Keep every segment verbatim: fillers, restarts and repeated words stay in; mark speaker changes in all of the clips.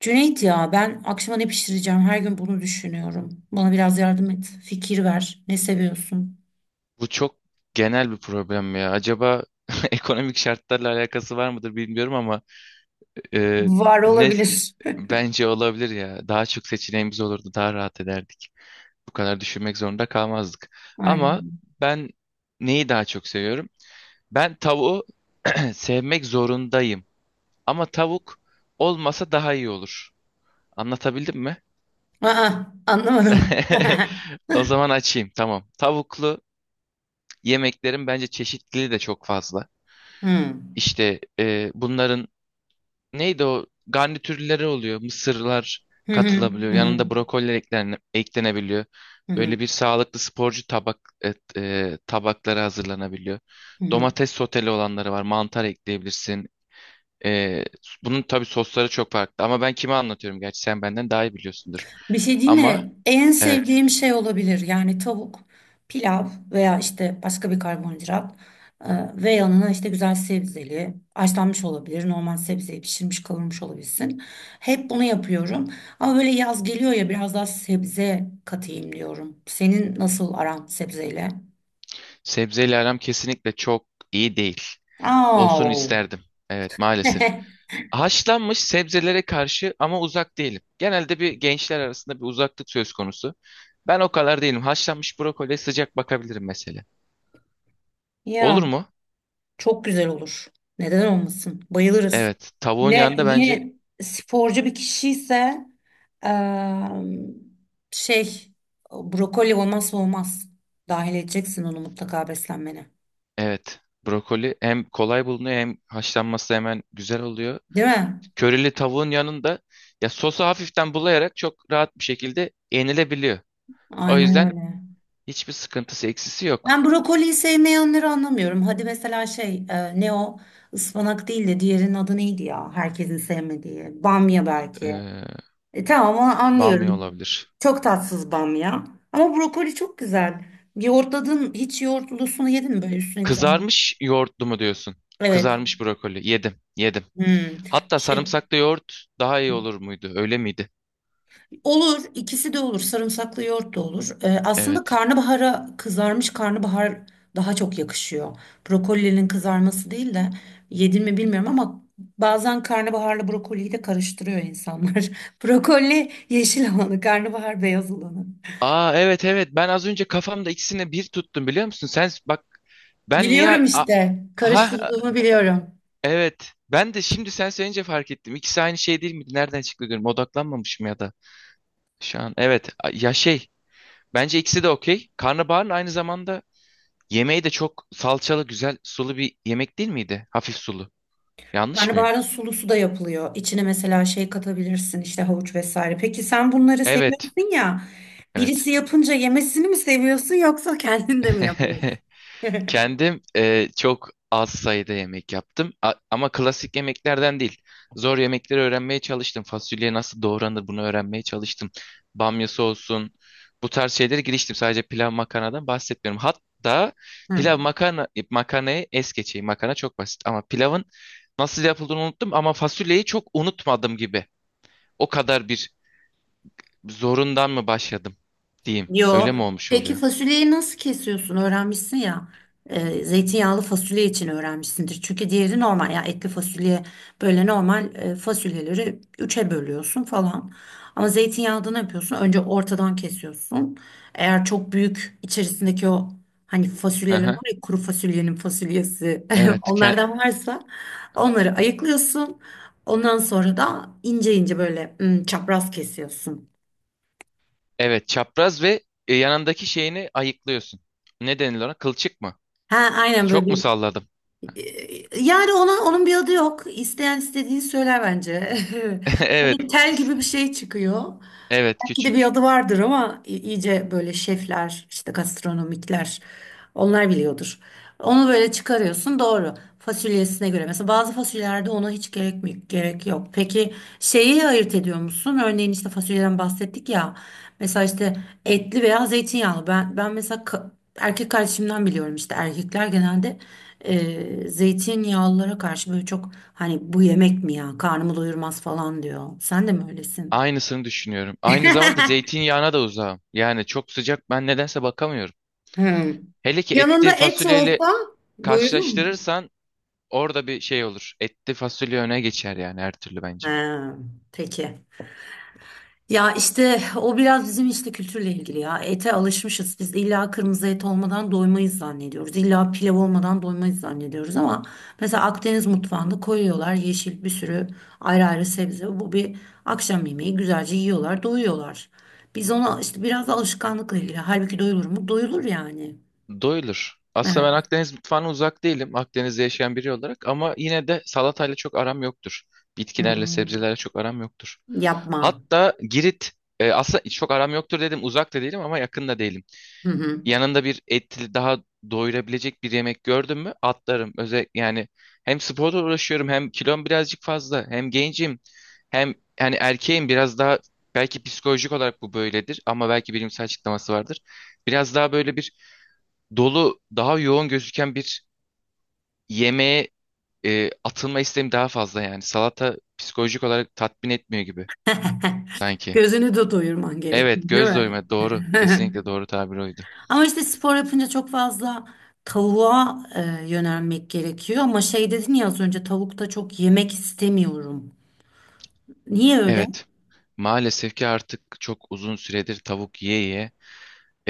Speaker 1: Cüneyt ya ben akşama ne pişireceğim? Her gün bunu düşünüyorum. Bana biraz yardım et. Fikir ver. Ne seviyorsun?
Speaker 2: Bu çok genel bir problem ya. Acaba ekonomik şartlarla alakası var mıdır bilmiyorum ama e,
Speaker 1: Var
Speaker 2: ne
Speaker 1: olabilir.
Speaker 2: bence olabilir ya. Daha çok seçeneğimiz olurdu, daha rahat ederdik. Bu kadar düşünmek zorunda kalmazdık. Ama
Speaker 1: Aynen.
Speaker 2: ben neyi daha çok seviyorum? Ben tavuğu sevmek zorundayım. Ama tavuk olmasa daha iyi olur. Anlatabildim mi?
Speaker 1: Aa, anlamadım.
Speaker 2: O zaman açayım. Tamam. Tavuklu yemeklerin bence çeşitliliği de çok fazla.
Speaker 1: Hmm.
Speaker 2: İşte e, bunların neydi o garnitürleri oluyor. Mısırlar
Speaker 1: Hı hı,
Speaker 2: katılabiliyor.
Speaker 1: hı hı,
Speaker 2: Yanında brokoli eklene- eklenebiliyor.
Speaker 1: hı hı,
Speaker 2: Böyle bir sağlıklı sporcu tabak et, e, tabakları hazırlanabiliyor.
Speaker 1: hı hı.
Speaker 2: Domates soteli olanları var. Mantar ekleyebilirsin. E, Bunun tabii sosları çok farklı. Ama ben kime anlatıyorum, gerçi sen benden daha iyi biliyorsundur.
Speaker 1: Bir şey değil
Speaker 2: Ama
Speaker 1: mi? En
Speaker 2: evet,
Speaker 1: sevdiğim şey olabilir. Yani tavuk, pilav veya işte başka bir karbonhidrat, e, ve yanına işte güzel sebzeli, haşlanmış olabilir, normal sebzeyi pişirmiş kavurmuş olabilsin. Hep bunu yapıyorum. Ama böyle yaz geliyor ya biraz daha sebze katayım diyorum. Senin nasıl aran sebzeyle?
Speaker 2: sebzeyle aram kesinlikle çok iyi değil.
Speaker 1: Aa.
Speaker 2: Olsun isterdim. Evet, maalesef. Haşlanmış sebzelere karşı ama uzak değilim. Genelde bir gençler arasında bir uzaklık söz konusu. Ben o kadar değilim. Haşlanmış brokoliye sıcak bakabilirim mesela.
Speaker 1: Ya.
Speaker 2: Olur mu?
Speaker 1: Çok güzel olur. Neden olmasın? Bayılırız.
Speaker 2: Evet. Tavuğun
Speaker 1: Yine
Speaker 2: yanında bence
Speaker 1: yine sporcu bir kişi ise eee, şey brokoli olmazsa olmaz. Dahil edeceksin onu mutlaka beslenmene.
Speaker 2: evet. Brokoli hem kolay bulunuyor hem haşlanması hemen güzel oluyor.
Speaker 1: Değil mi?
Speaker 2: Körili tavuğun yanında ya sosu hafiften bulayarak çok rahat bir şekilde yenilebiliyor. O
Speaker 1: Aynen
Speaker 2: yüzden
Speaker 1: öyle.
Speaker 2: hiçbir sıkıntısı, eksisi yok.
Speaker 1: Ben brokoliyi sevmeyenleri anlamıyorum. Hadi mesela şey e, ne o ıspanak değil de diğerinin adı neydi ya? Herkesin sevmediği. Bamya belki.
Speaker 2: Ee,
Speaker 1: E, tamam onu
Speaker 2: Bamya
Speaker 1: anlıyorum.
Speaker 2: olabilir.
Speaker 1: Çok tatsız bamya. Ama brokoli çok güzel. Yoğurtladın hiç yoğurtlusunu yedin mi böyle üstüne güzel?
Speaker 2: Kızarmış yoğurtlu mu diyorsun?
Speaker 1: Evet.
Speaker 2: Kızarmış brokoli. Yedim, yedim.
Speaker 1: Hmm.
Speaker 2: Hatta
Speaker 1: Şey
Speaker 2: sarımsaklı yoğurt daha iyi olur muydu? Öyle miydi?
Speaker 1: olur, ikisi de olur. Sarımsaklı yoğurt da olur. Ee, aslında
Speaker 2: Evet.
Speaker 1: karnabahara kızarmış karnabahar daha çok yakışıyor. Brokolinin kızarması değil de yedin mi bilmiyorum ama bazen karnabaharla brokoliyi de karıştırıyor insanlar. Brokoli yeşil olanı, karnabahar beyaz olanı.
Speaker 2: Aa, evet, evet. Ben az önce kafamda ikisini bir tuttum, biliyor musun? Sen bak, ben niye
Speaker 1: Biliyorum
Speaker 2: A-
Speaker 1: işte.
Speaker 2: ha,
Speaker 1: Karıştırdığımı biliyorum.
Speaker 2: evet. Ben de şimdi sen söyleyince fark ettim. İkisi aynı şey değil miydi? Nereden çıktı diyorum. Odaklanmamışım ya da şu an. Evet. a- Ya, şey bence ikisi de okey. Karnabaharın aynı zamanda yemeği de çok salçalı, güzel, sulu bir yemek değil miydi? Hafif sulu. Yanlış mıyım?
Speaker 1: Karnabaharın sulusu da yapılıyor. İçine mesela şey katabilirsin, işte havuç vesaire. Peki sen bunları
Speaker 2: Evet.
Speaker 1: seviyorsun ya. Birisi
Speaker 2: Evet.
Speaker 1: yapınca yemesini mi seviyorsun yoksa kendin de mi yapıyorsun?
Speaker 2: Kendim e, çok az sayıda yemek yaptım. A- ama klasik yemeklerden değil. Zor yemekleri öğrenmeye çalıştım. Fasulye nasıl doğranır, bunu öğrenmeye çalıştım. Bamyası olsun. Bu tarz şeylere giriştim. Sadece pilav, makarnadan bahsetmiyorum. Hatta
Speaker 1: Hı.
Speaker 2: pilav makarna makarnayı es geçeyim. Makarna çok basit ama pilavın nasıl yapıldığını unuttum, ama fasulyeyi çok unutmadım gibi. O kadar bir zorundan mı başladım diyeyim.
Speaker 1: Yo.
Speaker 2: Öyle mi olmuş
Speaker 1: Peki
Speaker 2: oluyor?
Speaker 1: fasulyeyi nasıl kesiyorsun? Öğrenmişsin ya. Ee, zeytinyağlı fasulye için öğrenmişsindir. Çünkü diğeri normal ya, etli fasulye böyle normal, e, fasulyeleri üçe bölüyorsun falan. Ama zeytinyağlıda ne yapıyorsun? Önce ortadan kesiyorsun. Eğer çok büyük içerisindeki o hani
Speaker 2: Hı
Speaker 1: fasulyeler
Speaker 2: hı.
Speaker 1: var ya, kuru fasulyenin fasulyesi,
Speaker 2: Evet, ke-
Speaker 1: onlardan varsa onları ayıklıyorsun. Ondan sonra da ince ince böyle, hmm, çapraz kesiyorsun.
Speaker 2: evet, çapraz ve e, yanındaki şeyini ayıklıyorsun. Ne denilir ona? Kılçık mı?
Speaker 1: Ha, aynen böyle
Speaker 2: Çok mu
Speaker 1: bir
Speaker 2: salladım?
Speaker 1: E, yani ona, onun bir adı yok. İsteyen istediğini söyler bence.
Speaker 2: Evet.
Speaker 1: Bunun tel
Speaker 2: s-
Speaker 1: gibi bir şey çıkıyor.
Speaker 2: Evet,
Speaker 1: Bir de bir
Speaker 2: küçük.
Speaker 1: adı vardır ama i- iyice böyle şefler, işte gastronomikler onlar biliyordur. Onu böyle çıkarıyorsun, doğru. Fasulyesine göre. Mesela bazı fasulyelerde ona hiç gerek mi, gerek yok. Peki şeyi ayırt ediyor musun? Örneğin işte fasulyeden bahsettik ya. Mesela işte etli veya zeytinyağlı. Ben ben mesela ka- erkek kardeşimden biliyorum, işte erkekler genelde e, zeytinyağlılara karşı böyle çok hani bu yemek mi ya? Karnımı doyurmaz falan diyor. Sen de mi öylesin?
Speaker 2: Aynısını düşünüyorum. Aynı zamanda zeytinyağına da uzağım. Yani çok sıcak ben nedense bakamıyorum.
Speaker 1: Ha.
Speaker 2: Hele ki
Speaker 1: Yanında
Speaker 2: etli
Speaker 1: et
Speaker 2: fasulyeyle
Speaker 1: olsa buyurun.
Speaker 2: karşılaştırırsan orada bir şey olur. Etli fasulye öne geçer yani, her türlü bence.
Speaker 1: Ha, peki. Ya işte o biraz bizim işte kültürle ilgili ya. Ete alışmışız. Biz illa kırmızı et olmadan doymayız zannediyoruz. İlla pilav olmadan doymayız zannediyoruz ama mesela Akdeniz mutfağında koyuyorlar yeşil bir sürü ayrı ayrı sebze. Bu bir akşam yemeği güzelce yiyorlar, doyuyorlar. Biz ona işte biraz da alışkanlıkla ilgili. Halbuki doyulur mu? Doyulur yani.
Speaker 2: Doyulur. Aslında ben
Speaker 1: Evet.
Speaker 2: Akdeniz mutfağına uzak değilim. Akdeniz'de yaşayan biri olarak ama yine de salatayla çok aram yoktur. Bitkilerle,
Speaker 1: Hmm.
Speaker 2: sebzelerle çok aram yoktur.
Speaker 1: Yapma.
Speaker 2: Hatta Girit e, aslında çok aram yoktur dedim. Uzak da değilim ama yakın da değilim.
Speaker 1: Hı hı.
Speaker 2: Yanında bir etli, daha doyurabilecek bir yemek gördüm mü atlarım. Özellikle yani hem sporla uğraşıyorum, hem kilom birazcık fazla, hem gencim, hem yani erkeğim biraz daha, belki psikolojik olarak bu böyledir ama belki bilimsel açıklaması vardır. Biraz daha böyle bir dolu, daha yoğun gözüken bir yemeğe e, atılma isteğim daha fazla yani. Salata psikolojik olarak tatmin etmiyor gibi sanki.
Speaker 1: Gözünü de doyurman gerekiyor,
Speaker 2: Evet,
Speaker 1: değil
Speaker 2: göz
Speaker 1: mi?
Speaker 2: doyma doğru. Kesinlikle doğru tabir oydu.
Speaker 1: Ama işte spor yapınca çok fazla tavuğa, e, yönelmek gerekiyor. Ama şey dedin ya az önce, tavukta çok yemek istemiyorum. Niye öyle?
Speaker 2: Evet, maalesef ki artık çok uzun süredir tavuk yiye yiye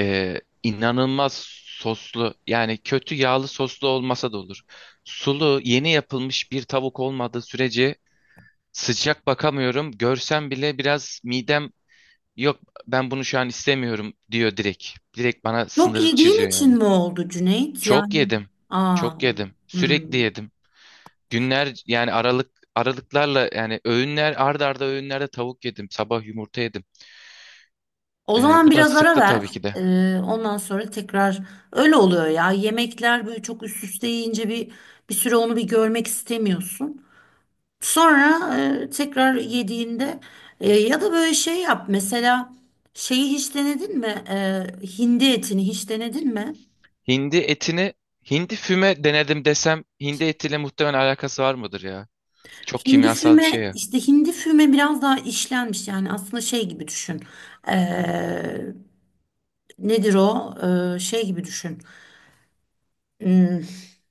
Speaker 2: e, inanılmaz soslu, yani kötü yağlı soslu olmasa da olur. Sulu, yeni yapılmış bir tavuk olmadığı sürece sıcak bakamıyorum. Görsem bile biraz midem, yok ben bunu şu an istemiyorum, diyor direkt. Direkt bana
Speaker 1: Çok
Speaker 2: sınırı
Speaker 1: yediğin
Speaker 2: çiziyor yani.
Speaker 1: için mi oldu Cüneyt?
Speaker 2: Çok
Speaker 1: Yani
Speaker 2: yedim.
Speaker 1: aa,
Speaker 2: Çok yedim.
Speaker 1: hmm.
Speaker 2: Sürekli yedim. Günler, yani aralık aralıklarla, yani öğünler, arda arda öğünlerde tavuk yedim. Sabah yumurta yedim.
Speaker 1: O
Speaker 2: Ee,
Speaker 1: zaman
Speaker 2: bu da
Speaker 1: biraz ara
Speaker 2: sıktı
Speaker 1: ver.
Speaker 2: tabii ki
Speaker 1: E,
Speaker 2: de.
Speaker 1: ondan sonra tekrar öyle oluyor ya. Yemekler böyle çok üst üste yiyince bir bir süre onu bir görmek istemiyorsun. Sonra, e, tekrar yediğinde, e, ya da böyle şey yap mesela, şeyi hiç denedin mi? E, hindi etini hiç denedin mi?
Speaker 2: Hindi etini, hindi füme denedim desem hindi etiyle muhtemelen alakası var mıdır ya? Çok
Speaker 1: Hindi
Speaker 2: kimyasal bir şey
Speaker 1: füme,
Speaker 2: ya.
Speaker 1: işte hindi füme biraz daha işlenmiş, yani aslında şey gibi düşün. E, nedir o? E, şey gibi düşün. Hmm,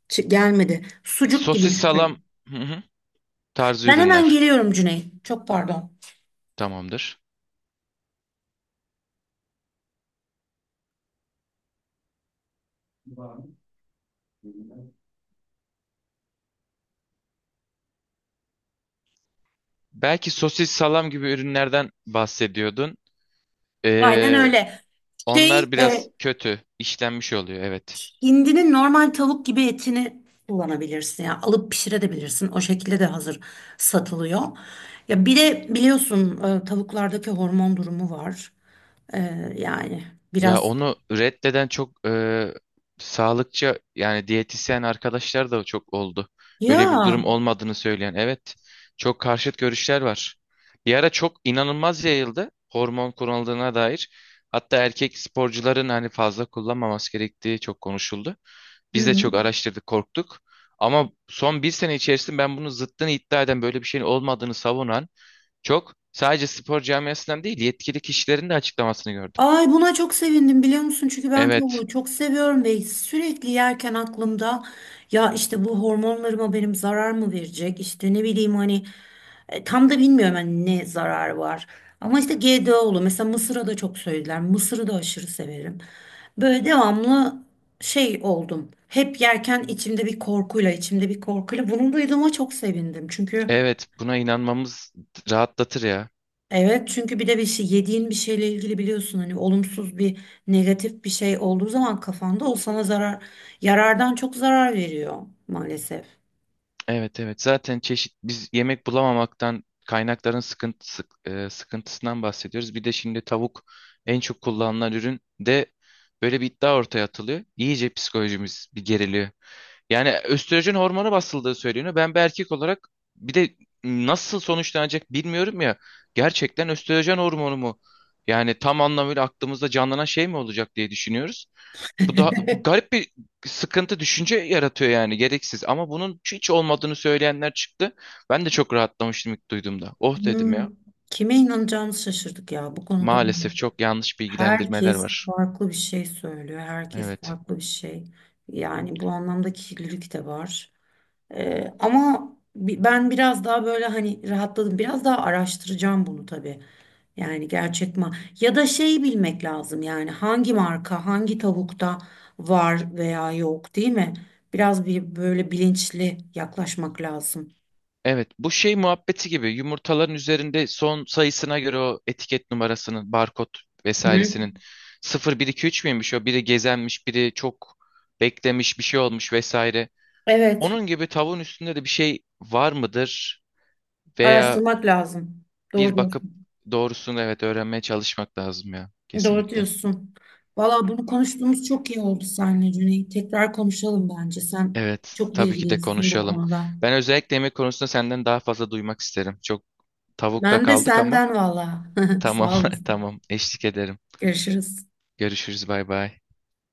Speaker 1: çı- gelmedi. Sucuk gibi
Speaker 2: Sosis, salam,
Speaker 1: düşün.
Speaker 2: hı hı, tarzı
Speaker 1: Ben hemen
Speaker 2: ürünler
Speaker 1: geliyorum Cüneyt. Çok pardon.
Speaker 2: tamamdır. Belki sosis, salam gibi ürünlerden bahsediyordun.
Speaker 1: Aynen
Speaker 2: Ee,
Speaker 1: öyle. Şey
Speaker 2: Onlar biraz
Speaker 1: e,
Speaker 2: kötü işlenmiş oluyor, evet.
Speaker 1: hindinin normal tavuk gibi etini kullanabilirsin. Yani alıp pişirebilirsin. O şekilde de hazır satılıyor. Ya bir de biliyorsun, e, tavuklardaki hormon durumu var. E, yani
Speaker 2: Ya
Speaker 1: biraz
Speaker 2: onu reddeden çok e, sağlıkçı, yani diyetisyen arkadaşlar da çok oldu. Öyle bir durum
Speaker 1: ya.
Speaker 2: olmadığını söyleyen, evet, çok karşıt görüşler var. Bir ara çok inanılmaz yayıldı hormon kullanıldığına dair. Hatta erkek sporcuların hani fazla kullanmaması gerektiği çok konuşuldu. Biz de
Speaker 1: Hı.
Speaker 2: çok araştırdık, korktuk. Ama son bir sene içerisinde ben bunun zıttını iddia eden, böyle bir şeyin olmadığını savunan çok. Sadece spor camiasından değil, yetkili kişilerin de açıklamasını gördüm.
Speaker 1: Ay, buna çok sevindim biliyor musun? Çünkü ben
Speaker 2: Evet,
Speaker 1: tavuğu çok seviyorum ve sürekli yerken aklımda ya işte bu hormonlarıma benim zarar mı verecek? İşte ne bileyim hani, e, tam da bilmiyorum hani ne zarar var. Ama işte G D O'lu mesela mısıra da çok söylediler. Mısırı da aşırı severim. Böyle devamlı şey oldum. Hep yerken içimde bir korkuyla, içimde bir korkuyla. Bunu duyduğuma çok sevindim. Çünkü
Speaker 2: evet, buna inanmamız rahatlatır ya.
Speaker 1: evet, çünkü bir de bir şey, yediğin bir şeyle ilgili biliyorsun hani olumsuz bir, negatif bir şey olduğu zaman kafanda o sana zarar, yarardan çok zarar veriyor maalesef.
Speaker 2: Evet, evet, zaten çeşit biz yemek bulamamaktan kaynakların sıkıntısı, e, sıkıntısından bahsediyoruz. Bir de şimdi tavuk en çok kullanılan ürün de, böyle bir iddia ortaya atılıyor. İyice psikolojimiz bir geriliyor. Yani östrojen hormonu basıldığı söyleniyor. Ben bir erkek olarak, bir de nasıl sonuçlanacak bilmiyorum ya. Gerçekten östrojen hormonu mu? Yani tam anlamıyla aklımızda canlanan şey mi olacak diye düşünüyoruz. Bu da garip bir sıkıntı, düşünce yaratıyor yani, gereksiz. Ama bunun hiç olmadığını söyleyenler çıktı. Ben de çok rahatlamıştım ilk duyduğumda. Oh dedim
Speaker 1: Hmm,
Speaker 2: ya.
Speaker 1: kime inanacağımızı şaşırdık ya bu konuda.
Speaker 2: Maalesef çok yanlış bilgilendirmeler
Speaker 1: Herkes
Speaker 2: var.
Speaker 1: farklı bir şey söylüyor. Herkes
Speaker 2: Evet.
Speaker 1: farklı bir şey. Yani bu anlamda kirlilik de var. Ee, ama bi- ben biraz daha böyle hani rahatladım. Biraz daha araştıracağım bunu tabii. Yani gerçek ma, ya da şeyi bilmek lazım yani hangi marka hangi tavukta var veya yok, değil mi? Biraz bir böyle bilinçli yaklaşmak lazım.
Speaker 2: Evet, bu şey muhabbeti gibi, yumurtaların üzerinde son sayısına göre o etiket numarasının, barkod
Speaker 1: Hı hı.
Speaker 2: vesairesinin sıfır bir iki üç müymüş, o biri gezenmiş, biri çok beklemiş, bir şey olmuş vesaire.
Speaker 1: Evet,
Speaker 2: Onun gibi tavuğun üstünde de bir şey var mıdır? Veya
Speaker 1: araştırmak lazım. Doğru
Speaker 2: bir bakıp
Speaker 1: diyorsun.
Speaker 2: doğrusunu, evet, öğrenmeye çalışmak lazım ya,
Speaker 1: Doğru
Speaker 2: kesinlikle.
Speaker 1: diyorsun. Valla bunu konuştuğumuz çok iyi oldu seninle Cüneyt. Tekrar konuşalım bence. Sen
Speaker 2: Evet,
Speaker 1: çok
Speaker 2: tabii ki de
Speaker 1: bilgilisin bu
Speaker 2: konuşalım.
Speaker 1: konuda.
Speaker 2: Ben özellikle yemek konusunda senden daha fazla duymak isterim. Çok tavukta
Speaker 1: Ben de
Speaker 2: kaldık ama
Speaker 1: senden valla.
Speaker 2: tamam,
Speaker 1: Sağ olasın.
Speaker 2: tamam, eşlik ederim.
Speaker 1: Görüşürüz.
Speaker 2: Görüşürüz, bay bay.